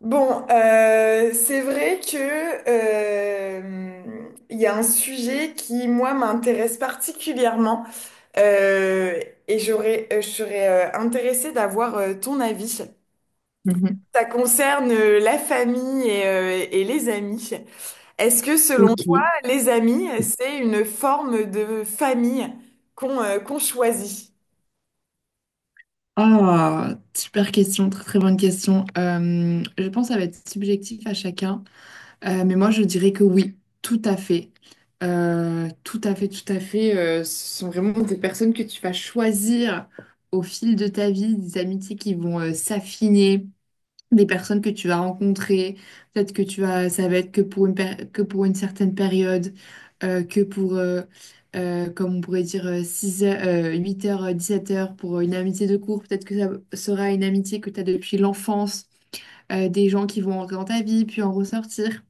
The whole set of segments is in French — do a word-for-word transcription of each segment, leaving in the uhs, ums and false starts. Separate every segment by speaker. Speaker 1: Bon, euh, c'est vrai que euh, il y a un sujet qui, moi, m'intéresse particulièrement euh, et j'aurais, euh, je serais euh, intéressée d'avoir euh, ton avis.
Speaker 2: Mhm.
Speaker 1: Ça concerne euh, la famille et, euh, et les amis. Est-ce que, selon
Speaker 2: Ok.
Speaker 1: toi, les amis, c'est une forme de famille qu'on euh, qu'on choisit?
Speaker 2: Ah, super question, très très bonne question. Euh, je pense que ça va être subjectif à chacun. Euh, mais moi je dirais que oui, tout à fait. Euh, tout à fait, tout à fait. Euh, ce sont vraiment des personnes que tu vas choisir au fil de ta vie, des amitiés qui vont euh, s'affiner, des personnes que tu vas rencontrer, peut-être que tu vas, ça va être que pour une, péri- que pour une certaine période, euh, que pour, euh, euh, comme on pourrait dire, six huit heures, euh, huit heures, euh, dix-sept heures pour euh, une amitié de cours, peut-être que ça sera une amitié que tu as depuis l'enfance, euh, des gens qui vont entrer dans ta vie, puis en ressortir.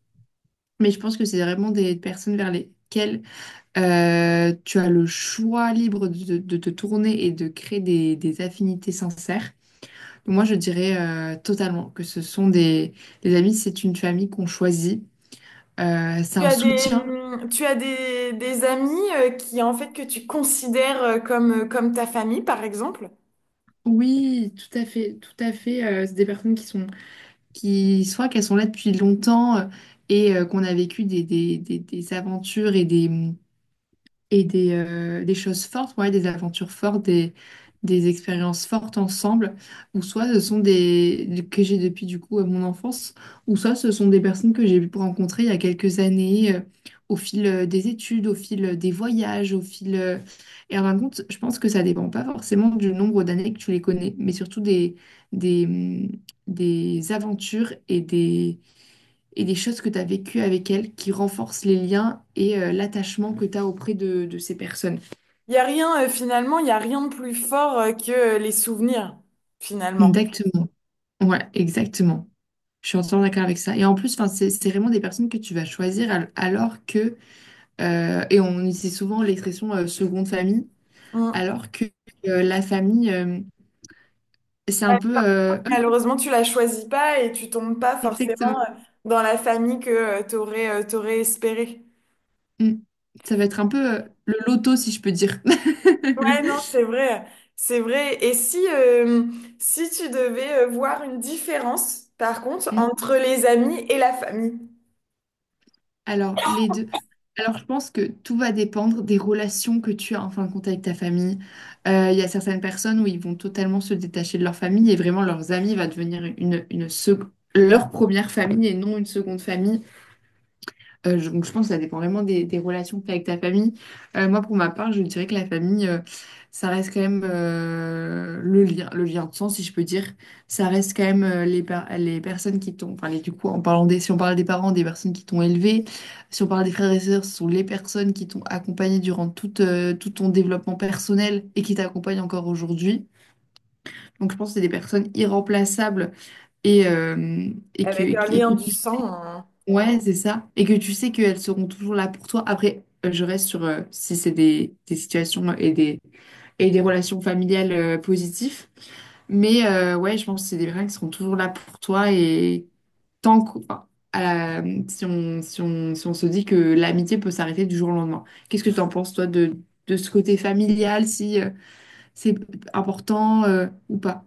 Speaker 2: Mais je pense que c'est vraiment des personnes vers lesquelles euh, tu as le choix libre de, de te tourner et de créer des des affinités sincères. Moi, je dirais euh, totalement que ce sont des... Les amis, c'est une famille qu'on choisit. Euh, c'est
Speaker 1: Tu
Speaker 2: un
Speaker 1: as des,
Speaker 2: soutien.
Speaker 1: hum, tu as des, des amis euh, qui, en fait, que tu considères euh, comme, euh, comme ta famille, par exemple?
Speaker 2: Oui, tout à fait, tout à fait. Euh, c'est des personnes qui sont... qui soit qu'elles sont là depuis longtemps euh, et euh, qu'on a vécu des, des, des, des aventures et des, et des, euh, des choses fortes, ouais, des aventures fortes, des, des expériences fortes ensemble, ou soit ce sont des que j'ai depuis du coup euh, mon enfance, ou soit ce sont des personnes que j'ai pu rencontrer il y a quelques années, euh, au fil euh, des études, au fil euh, des voyages, au fil... euh, Et en fin de compte, je pense que ça dépend pas forcément du nombre d'années que tu les connais, mais surtout des, des, hum, des aventures et et des choses que tu as vécues avec elles qui renforcent les liens et euh, l'attachement que tu as auprès de, de ces personnes.
Speaker 1: Il n'y a rien, euh, finalement, il n'y a rien de plus fort euh, que euh, les souvenirs, finalement.
Speaker 2: Exactement. Ouais, exactement. Je suis entièrement d'accord avec ça. Et en plus, enfin, c'est c'est vraiment des personnes que tu vas choisir al- alors que, euh, et on utilise souvent l'expression euh, seconde famille,
Speaker 1: Hum.
Speaker 2: alors que euh, la famille, euh, c'est un peu... euh, ouais,
Speaker 1: Malheureusement, tu la choisis pas et tu tombes pas forcément euh,
Speaker 2: exactement.
Speaker 1: dans la famille que tu aurais, espéré.
Speaker 2: Mm. Ça va être un peu euh, le loto, si je peux dire.
Speaker 1: Ouais, non, c'est vrai, c'est vrai. Et si, euh, si tu devais euh, voir une différence, par contre, entre les amis et la famille,
Speaker 2: Alors, les deux. Alors, je pense que tout va dépendre des relations que tu as en fin de compte avec ta famille. Euh, Il y a certaines personnes où ils vont totalement se détacher de leur famille et vraiment leurs amis va devenir une, une sec- leur première famille et non une seconde famille. Euh, je, donc je pense que ça dépend vraiment des, des relations que tu as avec ta famille. Euh, moi, pour ma part, je dirais que la famille, euh, ça reste quand même euh, le lien, le lien de sang, si je peux dire. Ça reste quand même euh, les, par- les personnes qui t'ont... Enfin, les- du coup, en parlant des, si on parle des parents, des personnes qui t'ont élevé. Si on parle des frères et sœurs, ce sont les personnes qui t'ont accompagné durant toute, euh, tout ton développement personnel et qui t'accompagnent encore aujourd'hui. Donc, je pense que c'est des personnes irremplaçables et, euh, et que,
Speaker 1: avec
Speaker 2: et,
Speaker 1: un
Speaker 2: que-
Speaker 1: lien du sang, hein.
Speaker 2: Ouais, c'est ça. Et que tu sais qu'elles seront toujours là pour toi. Après, euh, je reste sur euh, si c'est des, des situations et des, et des relations familiales euh, positives. Mais euh, ouais, je pense que c'est des personnes qui seront toujours là pour toi. Et tant que, enfin, à la- si on, si on, si on se dit que l'amitié peut s'arrêter du jour au lendemain. Qu'est-ce que tu en penses, toi, de, de ce côté familial, si euh, c'est important euh, ou pas?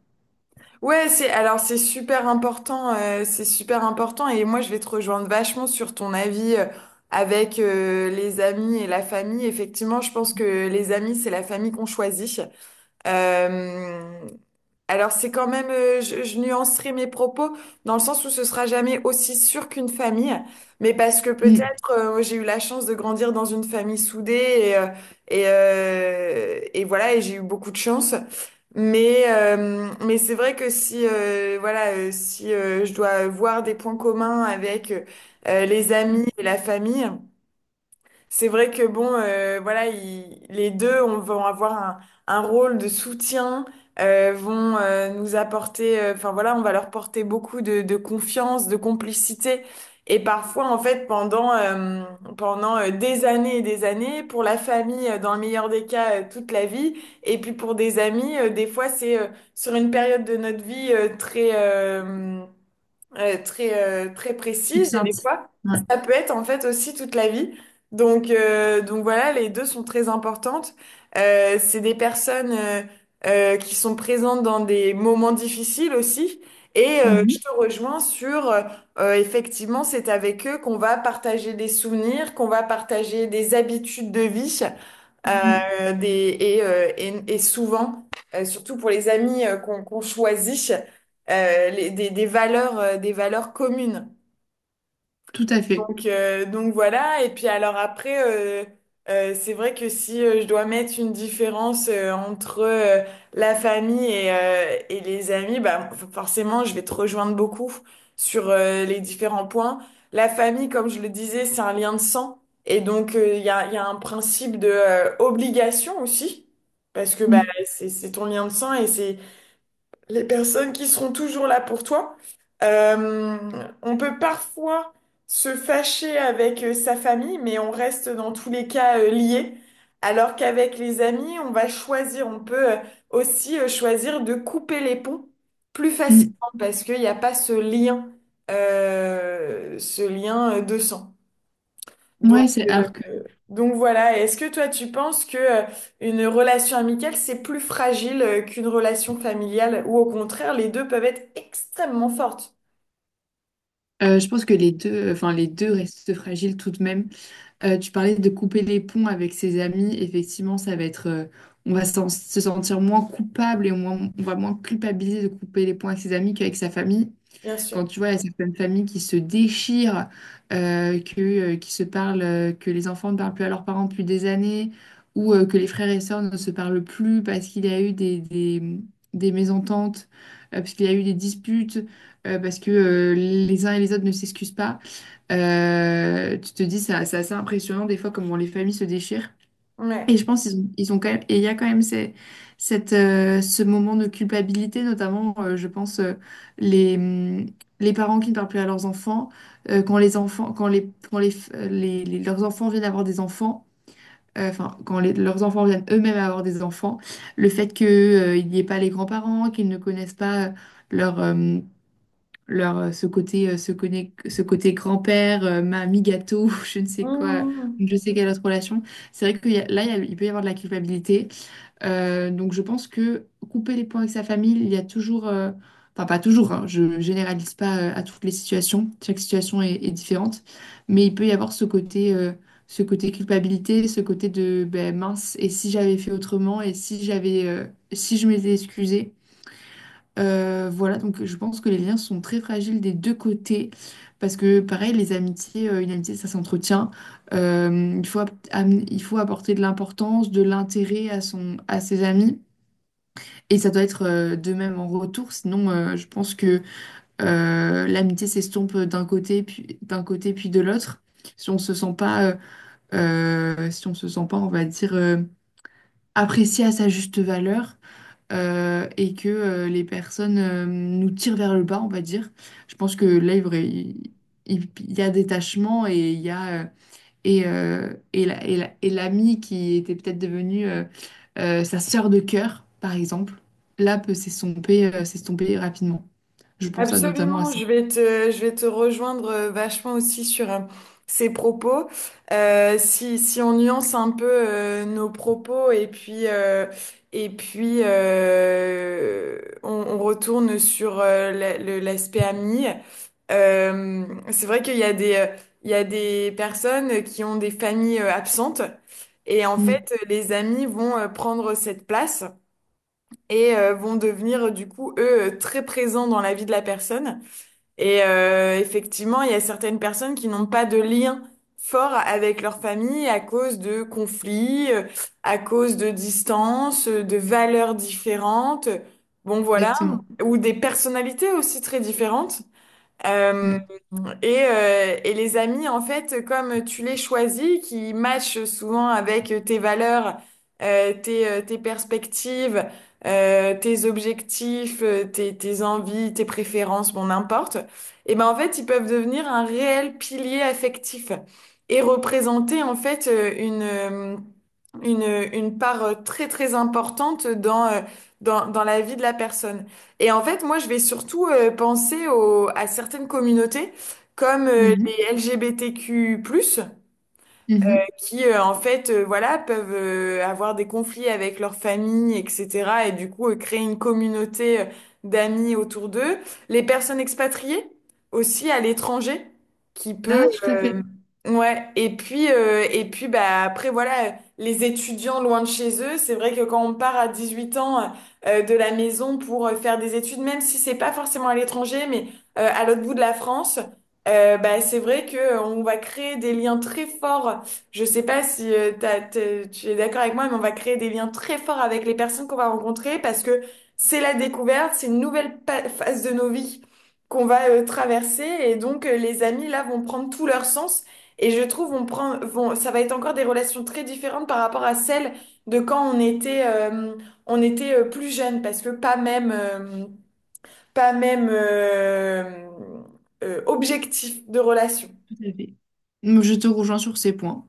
Speaker 1: Ouais, c'est alors c'est super important, euh, c'est super important et moi je vais te rejoindre vachement sur ton avis euh, avec euh, les amis et la famille. Effectivement, je pense que les amis c'est la famille qu'on choisit. Euh, alors c'est quand même, euh, je, je nuancerai mes propos dans le sens où ce sera jamais aussi sûr qu'une famille, mais parce que
Speaker 2: Mm.
Speaker 1: peut-être euh, j'ai eu la chance de grandir dans une famille soudée et, euh, et, euh, et voilà et j'ai eu beaucoup de chance. Mais euh, mais c'est vrai que si euh, voilà euh, si euh, je dois voir des points communs avec euh, les amis et la famille. C'est vrai que bon, euh, voilà, ils- les deux on, vont avoir un, un rôle de soutien, euh, vont euh, nous apporter, euh, enfin voilà, on va leur porter beaucoup de, de confiance, de complicité. Et parfois, en fait, pendant, euh, pendant euh, des années et des années, pour la famille, euh, dans le meilleur des cas, euh, toute la vie, et puis pour des amis, euh, des fois, c'est euh, sur une période de notre vie euh, très, euh, euh, très, euh, très précise et des
Speaker 2: Succincte.
Speaker 1: fois,
Speaker 2: Ouais.
Speaker 1: ça peut être en fait aussi toute la vie. Donc, euh, donc voilà, les deux sont très importantes. Euh, c'est des personnes euh, euh, qui sont présentes dans des moments difficiles aussi. Et euh,
Speaker 2: Mhm.
Speaker 1: je te rejoins sur, euh, euh, effectivement, c'est avec eux qu'on va partager des souvenirs, qu'on va partager des habitudes de vie.
Speaker 2: Mhm.
Speaker 1: Euh, des, et, euh, et, et souvent, euh, surtout pour les amis euh, qu'on qu'on choisit, euh, les- des, des valeurs, euh, des valeurs communes.
Speaker 2: Tout à fait.
Speaker 1: Donc, euh, donc voilà, et puis alors après, euh, euh, c'est vrai que si euh, je dois mettre une différence euh, entre euh, la famille et, euh, et les amis, bah, f- forcément, je vais te rejoindre beaucoup sur euh, les différents points. La famille, comme je le disais, c'est un lien de sang, et donc euh, il y a, il y a un principe de euh, obligation aussi, parce que bah,
Speaker 2: Mm.
Speaker 1: c'est c'est ton lien de sang et c'est les personnes qui seront toujours là pour toi. Euh, on peut parfois se fâcher avec euh, sa famille, mais on reste dans tous les cas euh, liés. Alors qu'avec les amis, on va choisir, on peut euh, aussi euh, choisir de couper les ponts plus facilement parce qu'il n'y a pas ce lien, euh, ce lien euh, de sang.
Speaker 2: Mm.
Speaker 1: Donc,
Speaker 2: Ouais, c'est alors que...
Speaker 1: euh, donc voilà, est-ce que toi tu penses que euh, une relation amicale c'est plus fragile euh, qu'une relation familiale ou au contraire les deux peuvent être extrêmement fortes,
Speaker 2: Euh, je pense que les deux, enfin les deux restent fragiles tout de même. Euh, tu parlais de couper les ponts avec ses amis. Effectivement, ça va être, euh, on va s'en- se sentir moins coupable et moins- on va moins culpabiliser de couper les ponts avec ses amis qu'avec sa famille.
Speaker 1: bien sûr.
Speaker 2: Quand tu vois, il y a certaines familles qui se déchirent, euh, que, euh, qui se parlent, euh, que les enfants ne parlent plus à leurs parents depuis des années, ou euh, que les frères et sœurs ne se parlent plus parce qu'il y a eu des, des, des mésententes, euh, parce qu'il y a eu des disputes, euh, parce que euh, les uns et les autres ne s'excusent pas. Euh, tu te dis, ça- c'est assez impressionnant des fois comment les familles se déchirent. Et
Speaker 1: Ouais.
Speaker 2: je pense qu'ils ont, ils ont quand même, et il y a quand même ces- cette, euh, ce moment de culpabilité, notamment, euh, je pense, euh, les, hum, les parents qui ne parlent plus à leurs enfants, euh, quand les enfants, quand les, quand les, f- euh, les- les- leurs enfants viennent avoir des enfants, euh, enfin, quand les- leurs enfants viennent eux-mêmes avoir des enfants, le fait que, euh, il n'y ait pas les grands-parents, qu'ils ne connaissent pas leurs leur euh, ce côté euh, ce, connect- ce côté grand-père euh, mamie gâteau je ne sais quoi
Speaker 1: Mmh.
Speaker 2: je sais quelle autre relation. C'est vrai que y a- là il y a- il peut y avoir de la culpabilité. Euh, donc je pense que couper les ponts avec sa famille il y a toujours euh, enfin pas toujours hein, je généralise pas euh, à toutes les situations, chaque situation est, est différente, mais il peut y avoir ce côté euh, ce côté culpabilité, ce côté de ben, mince et si j'avais fait autrement et si j'avais euh, si je m'étais excusée, euh, voilà. Donc je pense que les liens sont très fragiles des deux côtés, parce que pareil, les amitiés, euh, une amitié, ça s'entretient. Euh, il faut, ap- am- il faut apporter de l'importance, de l'intérêt à son, à ses amis, et ça doit être euh, de même en retour, sinon euh, je pense que euh, l'amitié s'estompe d'un côté, puis d'un côté, puis de l'autre. Si on se sent pas, euh, euh, si on se sent pas, on va dire, euh, apprécié à sa juste valeur euh, et que euh, les personnes euh, nous tirent vers le bas, on va dire. Je pense que là, il, vrai- il- il- il y a détachement et il y a euh, et, euh, et la- et la- et l'ami qui était peut-être devenu euh, euh, sa sœur de cœur, par exemple, là peut s'estomper euh, s'estomper rapidement. Je pense à- notamment à
Speaker 1: Absolument,
Speaker 2: ça.
Speaker 1: je vais te, je vais te rejoindre euh, vachement aussi sur euh, ces propos. Euh, si, si on nuance un peu euh, nos propos et puis, euh, et puis euh, on, on retourne sur euh, la- le- l'aspect ami, euh, c'est vrai qu'il y a des, euh, il y a des personnes qui ont des familles euh, absentes et en
Speaker 2: Mm,
Speaker 1: fait les amis vont euh, prendre cette place et euh, vont devenir du coup eux euh, très présents dans la vie de la personne. Et euh, effectivement, il y a certaines personnes qui n'ont pas de lien fort avec leur famille à cause de conflits, euh, à cause de distances, euh, de valeurs différentes. Bon, voilà.
Speaker 2: exactement.
Speaker 1: Ou des personnalités aussi très différentes. Euh,
Speaker 2: Mm.
Speaker 1: et, euh, et les amis, en fait, comme tu les choisis, qui matchent souvent avec tes valeurs, euh, tes, euh, tes perspectives, euh, tes objectifs, euh, tes, tes envies, tes préférences, bon, n'importe, et ben en fait, ils peuvent devenir un réel pilier affectif et représenter en fait euh, une, euh, une, une part euh, très très importante dans, euh, dans, dans la vie de la personne. Et en fait, moi, je vais surtout euh, penser au- à certaines communautés comme euh,
Speaker 2: Mhm,
Speaker 1: les L G B T Q plus,
Speaker 2: mhm.
Speaker 1: qui euh, en fait euh, voilà peuvent euh, avoir des conflits avec leur famille etc et du coup euh, créer une communauté euh, d'amis autour d'eux, les personnes expatriées aussi à l'étranger qui peut
Speaker 2: Ah, tout à
Speaker 1: euh,
Speaker 2: fait,
Speaker 1: ouais. Et puis euh, et puis bah après voilà, les étudiants loin de chez eux, c'est vrai que quand on part à dix-huit ans euh, de la maison pour euh, faire des études même si c'est pas forcément à l'étranger mais euh, à l'autre bout de la France, euh, bah, c'est vrai que euh, on va créer des liens très forts. Je sais pas si euh, t'as- t'es- tu es d'accord avec moi, mais on va créer des liens très forts avec les personnes qu'on va rencontrer parce que c'est la découverte, c'est une nouvelle pa- phase de nos vies qu'on va euh, traverser et donc euh, les amis là vont prendre tout leur sens. Et je trouve on prend, vont, ça va être encore des relations très différentes par rapport à celles de quand on était, euh, on était euh, plus jeune parce que pas même, euh, pas même euh, euh, objectif de relation.
Speaker 2: tout à fait. Je te rejoins sur ces points.